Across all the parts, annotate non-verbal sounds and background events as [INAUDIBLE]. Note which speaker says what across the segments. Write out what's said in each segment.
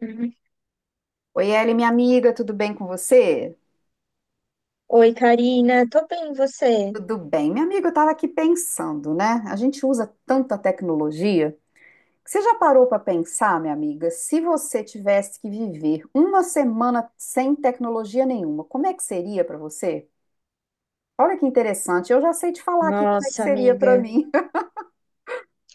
Speaker 1: Uhum.
Speaker 2: Oi, Eli, minha amiga, tudo bem com você?
Speaker 1: Oi, Karina. Tô bem, e você?
Speaker 2: Tudo bem. Minha amiga, eu estava aqui pensando, né? A gente usa tanta tecnologia que Você já parou para pensar, minha amiga, se você tivesse que viver uma semana sem tecnologia nenhuma, como é que seria para você? Olha que interessante, eu já sei te falar aqui como é que
Speaker 1: Nossa,
Speaker 2: seria para
Speaker 1: amiga.
Speaker 2: mim. [LAUGHS]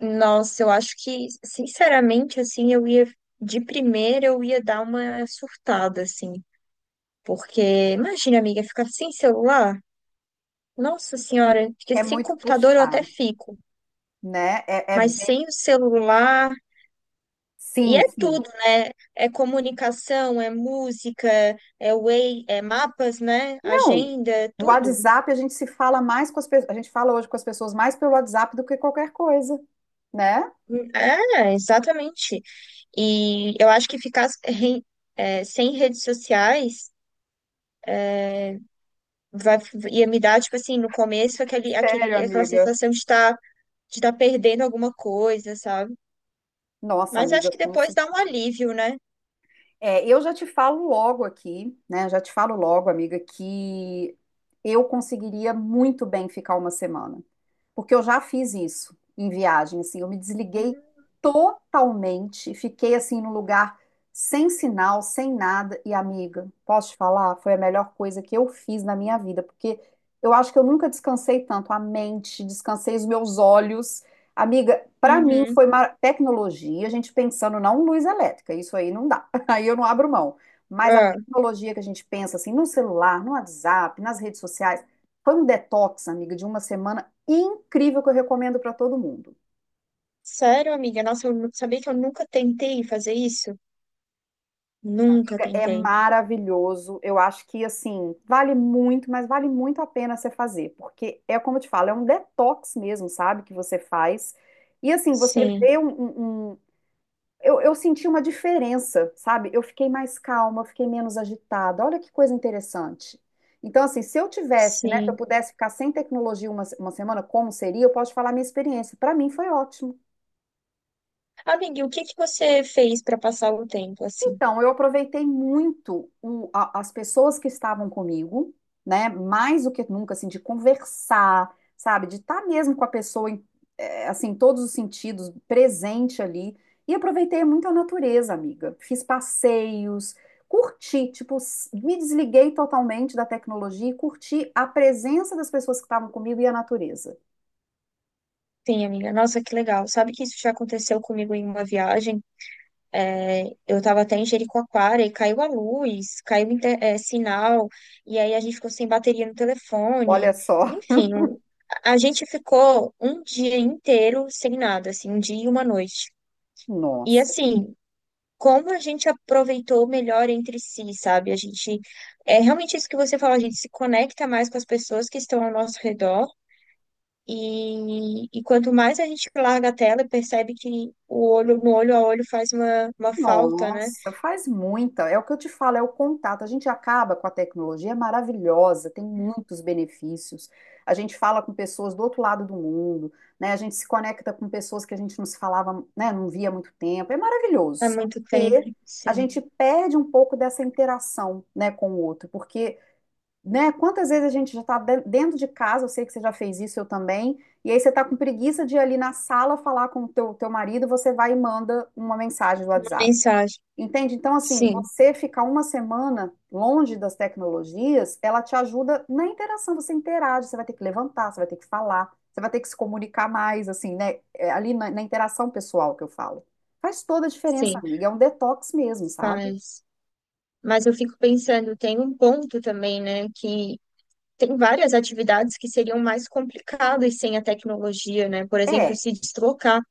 Speaker 1: Nossa, eu acho que, sinceramente, assim, eu ia, de primeira, eu ia dar uma surtada, assim. Porque, imagina, amiga, ficar sem celular. Nossa senhora, porque
Speaker 2: É
Speaker 1: sem
Speaker 2: muito
Speaker 1: computador eu até
Speaker 2: puxado,
Speaker 1: fico,
Speaker 2: né? É
Speaker 1: mas
Speaker 2: bem...
Speaker 1: sem o celular. E
Speaker 2: Sim,
Speaker 1: é
Speaker 2: sim.
Speaker 1: tudo, né? É comunicação, é música, é Way, é mapas, né?
Speaker 2: Não,
Speaker 1: Agenda, é
Speaker 2: o
Speaker 1: tudo.
Speaker 2: WhatsApp a gente se fala mais com as pessoas, a gente fala hoje com as pessoas mais pelo WhatsApp do que qualquer coisa, né?
Speaker 1: É, exatamente. E eu acho que é, sem redes sociais vai, ia me dar, tipo assim, no começo,
Speaker 2: Sério,
Speaker 1: aquela
Speaker 2: amiga.
Speaker 1: sensação de estar de tá perdendo alguma coisa, sabe?
Speaker 2: Nossa,
Speaker 1: Mas acho
Speaker 2: amiga,
Speaker 1: que
Speaker 2: como
Speaker 1: depois
Speaker 2: se...
Speaker 1: dá um alívio, né?
Speaker 2: É, eu já te falo logo aqui, né? Já te falo logo, amiga, que eu conseguiria muito bem ficar uma semana, porque eu já fiz isso em viagem, assim, eu me desliguei totalmente, fiquei assim no lugar sem sinal, sem nada, e amiga, posso te falar, foi a melhor coisa que eu fiz na minha vida, porque eu acho que eu nunca descansei tanto a mente, descansei os meus olhos. Amiga, para mim
Speaker 1: Uhum.
Speaker 2: foi tecnologia, a gente pensando não em luz elétrica, isso aí não dá, [LAUGHS] aí eu não abro mão. Mas a
Speaker 1: Ah,
Speaker 2: tecnologia que a gente pensa assim, no celular, no WhatsApp, nas redes sociais, foi um detox, amiga, de uma semana incrível que eu recomendo para todo mundo.
Speaker 1: sério, amiga? Nossa, sabia que eu nunca tentei fazer isso? Nunca
Speaker 2: É
Speaker 1: tentei.
Speaker 2: maravilhoso. Eu acho que assim, vale muito, mas vale muito a pena você fazer, porque é como eu te falo, é um detox mesmo, sabe, que você faz. E assim, você
Speaker 1: Sim,
Speaker 2: vê eu senti uma diferença, sabe? Eu fiquei mais calma, eu fiquei menos agitada. Olha que coisa interessante. Então, assim, se eu tivesse, né, se eu
Speaker 1: sim.
Speaker 2: pudesse ficar sem tecnologia uma semana, como seria? Eu posso te falar a minha experiência. Para mim foi ótimo.
Speaker 1: Amiga, e o que que você fez para passar o tempo assim?
Speaker 2: Então, eu aproveitei muito as pessoas que estavam comigo, né? Mais do que nunca, assim, de conversar, sabe? De estar mesmo com a pessoa, em, assim, em todos os sentidos, presente ali. E aproveitei muito a natureza, amiga. Fiz passeios, curti, tipo, me desliguei totalmente da tecnologia e curti a presença das pessoas que estavam comigo e a natureza.
Speaker 1: Sim, amiga. Nossa, que legal. Sabe que isso já aconteceu comigo em uma viagem? É, eu estava até em Jericoacoara e caiu a luz, é, sinal, e aí a gente ficou sem bateria no telefone.
Speaker 2: Olha só, [LAUGHS]
Speaker 1: Enfim, a gente ficou um dia inteiro sem nada, assim, um dia e uma noite. E
Speaker 2: nossa.
Speaker 1: assim, como a gente aproveitou melhor entre si, sabe? É realmente isso que você falou, a gente se conecta mais com as pessoas que estão ao nosso redor. E quanto mais a gente larga a tela, percebe que o olho no olho a olho faz uma falta, né?
Speaker 2: Nossa, faz muita. É o que eu te falo, é o contato. A gente acaba com a tecnologia, é maravilhosa, tem muitos benefícios. A gente fala com pessoas do outro lado do mundo, né? A gente se conecta com pessoas que a gente não se falava, né? Não via há muito tempo. É
Speaker 1: Há
Speaker 2: maravilhoso. Só
Speaker 1: muito tempo,
Speaker 2: que a
Speaker 1: sim.
Speaker 2: gente perde um pouco dessa interação, né, com o outro, porque, né? Quantas vezes a gente já está dentro de casa? Eu sei que você já fez isso, eu também. E aí você tá com preguiça de ir ali na sala falar com o teu marido, você vai e manda uma mensagem do
Speaker 1: Uma
Speaker 2: WhatsApp.
Speaker 1: mensagem,
Speaker 2: Entende? Então, assim,
Speaker 1: sim,
Speaker 2: você ficar uma semana longe das tecnologias, ela te ajuda na interação, você interage, você vai ter que levantar, você vai ter que falar, você vai ter que se comunicar mais, assim, né? É ali na interação pessoal que eu falo. Faz toda a diferença,
Speaker 1: sim,
Speaker 2: amiga. É um detox mesmo, sabe?
Speaker 1: faz. Mas eu fico pensando, tem um ponto também, né, que tem várias atividades que seriam mais complicadas sem a tecnologia, né? Por exemplo,
Speaker 2: É,
Speaker 1: se deslocar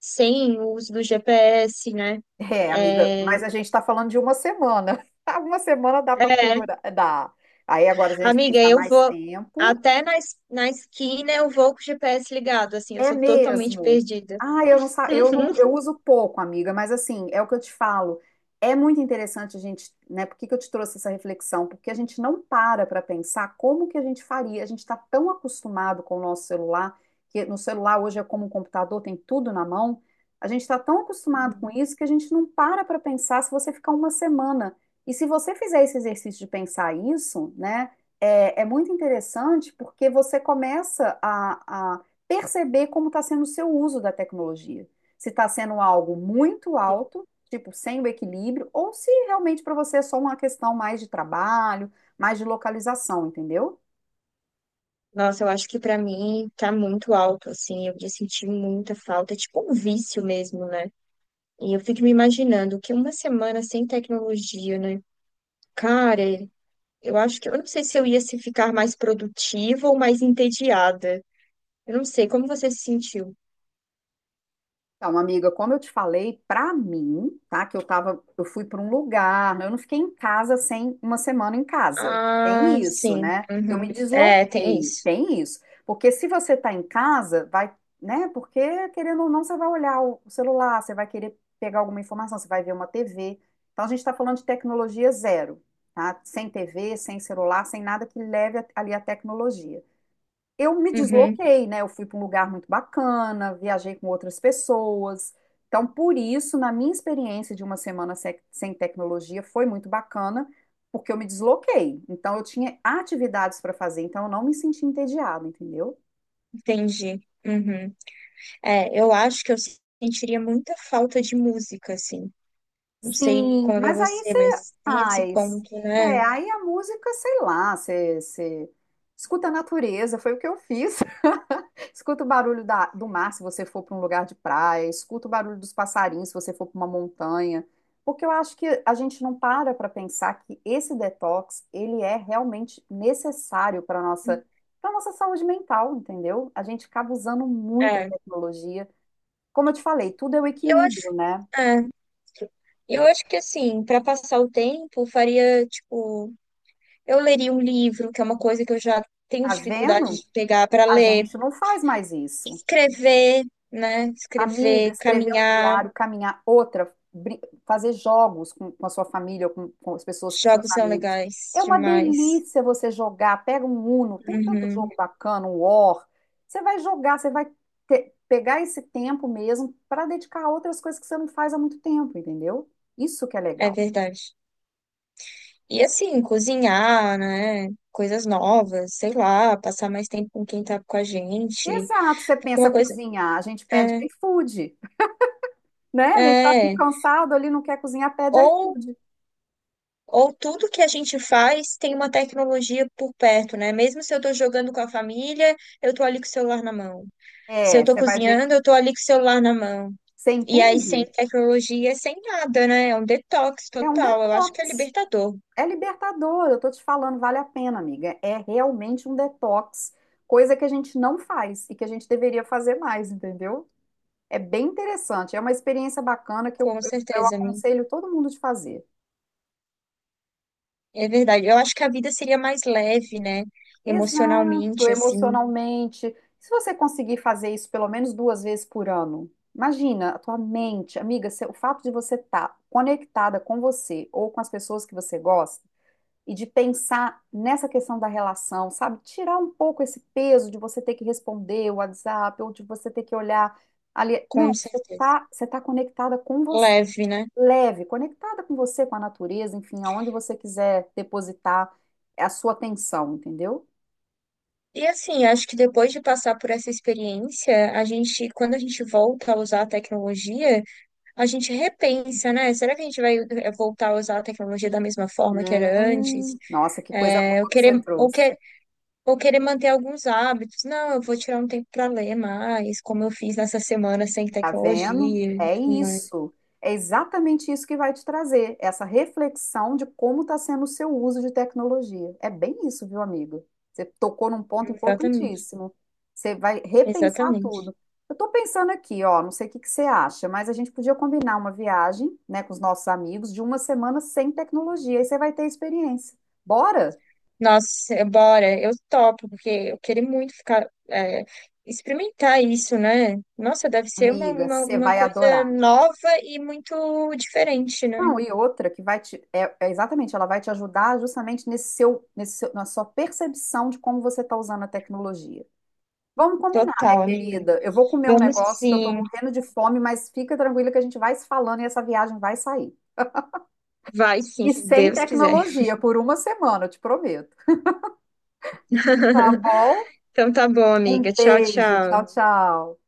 Speaker 1: sem o uso do GPS, né?
Speaker 2: amiga,
Speaker 1: É,
Speaker 2: mas a gente está falando de uma semana. [LAUGHS] Uma semana dá para
Speaker 1: é,
Speaker 2: figurar, dá. Aí agora, se a gente
Speaker 1: amiga,
Speaker 2: pensar
Speaker 1: eu
Speaker 2: mais
Speaker 1: vou
Speaker 2: tempo.
Speaker 1: até na esquina eu vou com o GPS ligado, assim, eu
Speaker 2: É
Speaker 1: sou totalmente
Speaker 2: mesmo.
Speaker 1: perdida.
Speaker 2: Ah, eu não, eu
Speaker 1: [LAUGHS]
Speaker 2: uso pouco, amiga, mas assim, é o que eu te falo. É muito interessante a gente, né? Por que que eu te trouxe essa reflexão? Porque a gente não para para pensar como que a gente faria. A gente está tão acostumado com o nosso celular, que no celular hoje é como um computador, tem tudo na mão. A gente está tão acostumado com isso que a gente não para para pensar se você ficar uma semana. E se você fizer esse exercício de pensar isso, né? É muito interessante porque você começa a perceber como está sendo o seu uso da tecnologia. Se está sendo algo muito alto, tipo, sem o equilíbrio, ou se realmente para você é só uma questão mais de trabalho, mais de localização, entendeu?
Speaker 1: Nossa, eu acho que pra mim tá muito alto, assim. Eu ia sentir muita falta, é tipo um vício mesmo, né? E eu fico me imaginando que uma semana sem tecnologia, né? Cara, eu acho que eu não sei se eu ia se ficar mais produtiva ou mais entediada. Eu não sei, como você se sentiu?
Speaker 2: Então, amiga, como eu te falei, pra mim, tá? Que eu tava, eu fui pra um lugar, eu não fiquei em casa sem uma semana em casa.
Speaker 1: Ah,
Speaker 2: Tem isso,
Speaker 1: sim.
Speaker 2: né? Eu
Speaker 1: Uhum.
Speaker 2: me
Speaker 1: É, tem
Speaker 2: desloquei,
Speaker 1: isso.
Speaker 2: tem isso. Porque se você tá em casa, vai, né? Porque querendo ou não, você vai olhar o celular, você vai querer pegar alguma informação, você vai ver uma TV. Então, a gente tá falando de tecnologia zero, tá? Sem TV, sem celular, sem nada que leve ali a tecnologia. Eu me
Speaker 1: Uhum.
Speaker 2: desloquei, né? Eu fui para um lugar muito bacana, viajei com outras pessoas. Então, por isso, na minha experiência de uma semana sem tecnologia, foi muito bacana, porque eu me desloquei. Então, eu tinha atividades para fazer, então eu não me senti entediada, entendeu?
Speaker 1: Entendi. Uhum. É, eu acho que eu sentiria muita falta de música, assim. Não sei
Speaker 2: Sim,
Speaker 1: como é pra
Speaker 2: mas aí
Speaker 1: você,
Speaker 2: você.
Speaker 1: mas tem esse
Speaker 2: Ai,
Speaker 1: ponto, né?
Speaker 2: é, aí a música, sei lá, você escuta a natureza, foi o que eu fiz. [LAUGHS] Escuta o barulho do mar se você for para um lugar de praia, escuta o barulho dos passarinhos se você for para uma montanha, porque eu acho que a gente não para para pensar que esse detox, ele é realmente necessário para nossa saúde mental, entendeu? A gente acaba usando muito a
Speaker 1: É,
Speaker 2: tecnologia. Como eu te falei, tudo é o
Speaker 1: eu acho,
Speaker 2: equilíbrio, né?
Speaker 1: é, eu acho que assim, para passar o tempo, faria tipo, eu leria um livro, que é uma coisa que eu já tenho
Speaker 2: Tá
Speaker 1: dificuldade
Speaker 2: vendo?
Speaker 1: de pegar para
Speaker 2: A
Speaker 1: ler,
Speaker 2: gente não faz mais isso.
Speaker 1: escrever, né?
Speaker 2: Amiga,
Speaker 1: Escrever,
Speaker 2: escrever um
Speaker 1: caminhar,
Speaker 2: diário, caminhar, outra, fazer jogos com a sua família, ou com as pessoas, com seus
Speaker 1: jogos são
Speaker 2: amigos.
Speaker 1: legais
Speaker 2: É uma
Speaker 1: demais.
Speaker 2: delícia você jogar. Pega um Uno, tem tanto
Speaker 1: Uhum,
Speaker 2: jogo bacana, um War. Você vai jogar, você vai pegar esse tempo mesmo para dedicar a outras coisas que você não faz há muito tempo, entendeu? Isso que é
Speaker 1: é
Speaker 2: legal.
Speaker 1: verdade. E assim, cozinhar, né? Coisas novas, sei lá, passar mais tempo com quem tá com a gente.
Speaker 2: Exato, você
Speaker 1: Porque
Speaker 2: pensa
Speaker 1: uma coisa.
Speaker 2: cozinhar, a gente pede
Speaker 1: É,
Speaker 2: iFood, né? A gente tá
Speaker 1: é.
Speaker 2: cansado ali, não quer cozinhar, pede
Speaker 1: Ou
Speaker 2: iFood.
Speaker 1: Ou tudo que a gente faz tem uma tecnologia por perto, né? Mesmo se eu tô jogando com a família, eu tô ali com o celular na mão. Se eu
Speaker 2: É,
Speaker 1: tô
Speaker 2: você vai ver,
Speaker 1: cozinhando, eu tô ali com o celular na mão.
Speaker 2: você
Speaker 1: E aí, sem
Speaker 2: entende?
Speaker 1: tecnologia, sem nada, né? É um detox
Speaker 2: É um
Speaker 1: total. Eu acho que é
Speaker 2: detox.
Speaker 1: libertador,
Speaker 2: É libertador, eu tô te falando, vale a pena, amiga. É realmente um detox, coisa que a gente não faz e que a gente deveria fazer mais, entendeu? É bem interessante, é uma experiência bacana que eu,
Speaker 1: com
Speaker 2: eu
Speaker 1: certeza, mim.
Speaker 2: aconselho todo mundo de fazer.
Speaker 1: É verdade. Eu acho que a vida seria mais leve, né?
Speaker 2: Exato,
Speaker 1: Emocionalmente, assim,
Speaker 2: emocionalmente. Se você conseguir fazer isso pelo menos duas vezes por ano, imagina a tua mente, amiga, o fato de você estar conectada com você ou com as pessoas que você gosta e de pensar nessa questão da relação, sabe? Tirar um pouco esse peso de você ter que responder o WhatsApp ou de você ter que olhar ali. Não,
Speaker 1: com
Speaker 2: você
Speaker 1: certeza.
Speaker 2: tá, você tá conectada com você,
Speaker 1: Leve, né?
Speaker 2: leve, conectada com você, com a natureza, enfim, aonde você quiser depositar a sua atenção, entendeu?
Speaker 1: E assim, acho que depois de passar por essa experiência, quando a gente volta a usar a tecnologia, a gente repensa, né? Será que a gente vai voltar a usar a tecnologia da mesma forma que era antes?
Speaker 2: Nossa, que coisa boa
Speaker 1: É, eu
Speaker 2: que você
Speaker 1: querer, ou,
Speaker 2: trouxe.
Speaker 1: que, ou querer manter alguns hábitos. Não, eu vou tirar um tempo para ler mais, como eu fiz nessa semana sem
Speaker 2: Tá vendo?
Speaker 1: tecnologia e
Speaker 2: É
Speaker 1: tudo mais.
Speaker 2: isso. É exatamente isso que vai te trazer, essa reflexão de como está sendo o seu uso de tecnologia. É bem isso, viu, amigo? Você tocou num ponto
Speaker 1: Exatamente,
Speaker 2: importantíssimo. Você vai repensar
Speaker 1: exatamente.
Speaker 2: tudo. Eu estou pensando aqui, ó, não sei o que que você acha, mas a gente podia combinar uma viagem, né, com os nossos amigos de uma semana sem tecnologia, aí você vai ter experiência. Bora?
Speaker 1: Nossa, bora, eu topo, porque eu queria muito ficar, eh, experimentar isso, né? Nossa, deve ser
Speaker 2: Amiga, você
Speaker 1: uma
Speaker 2: vai
Speaker 1: coisa
Speaker 2: adorar.
Speaker 1: nova e muito diferente, né?
Speaker 2: Não, e outra que vai te. É exatamente, ela vai te ajudar justamente na sua percepção de como você está usando a tecnologia. Vamos combinar, minha
Speaker 1: Total, amiga.
Speaker 2: querida. Eu vou comer um
Speaker 1: Vamos
Speaker 2: negócio que eu estou
Speaker 1: sim.
Speaker 2: morrendo de fome, mas fica tranquila que a gente vai se falando e essa viagem vai sair.
Speaker 1: Vai sim,
Speaker 2: E
Speaker 1: se
Speaker 2: sem
Speaker 1: Deus quiser.
Speaker 2: tecnologia, por uma semana, eu te prometo. Tá bom?
Speaker 1: [LAUGHS] Então tá bom,
Speaker 2: Um
Speaker 1: amiga. Tchau,
Speaker 2: beijo.
Speaker 1: tchau.
Speaker 2: Tchau, tchau.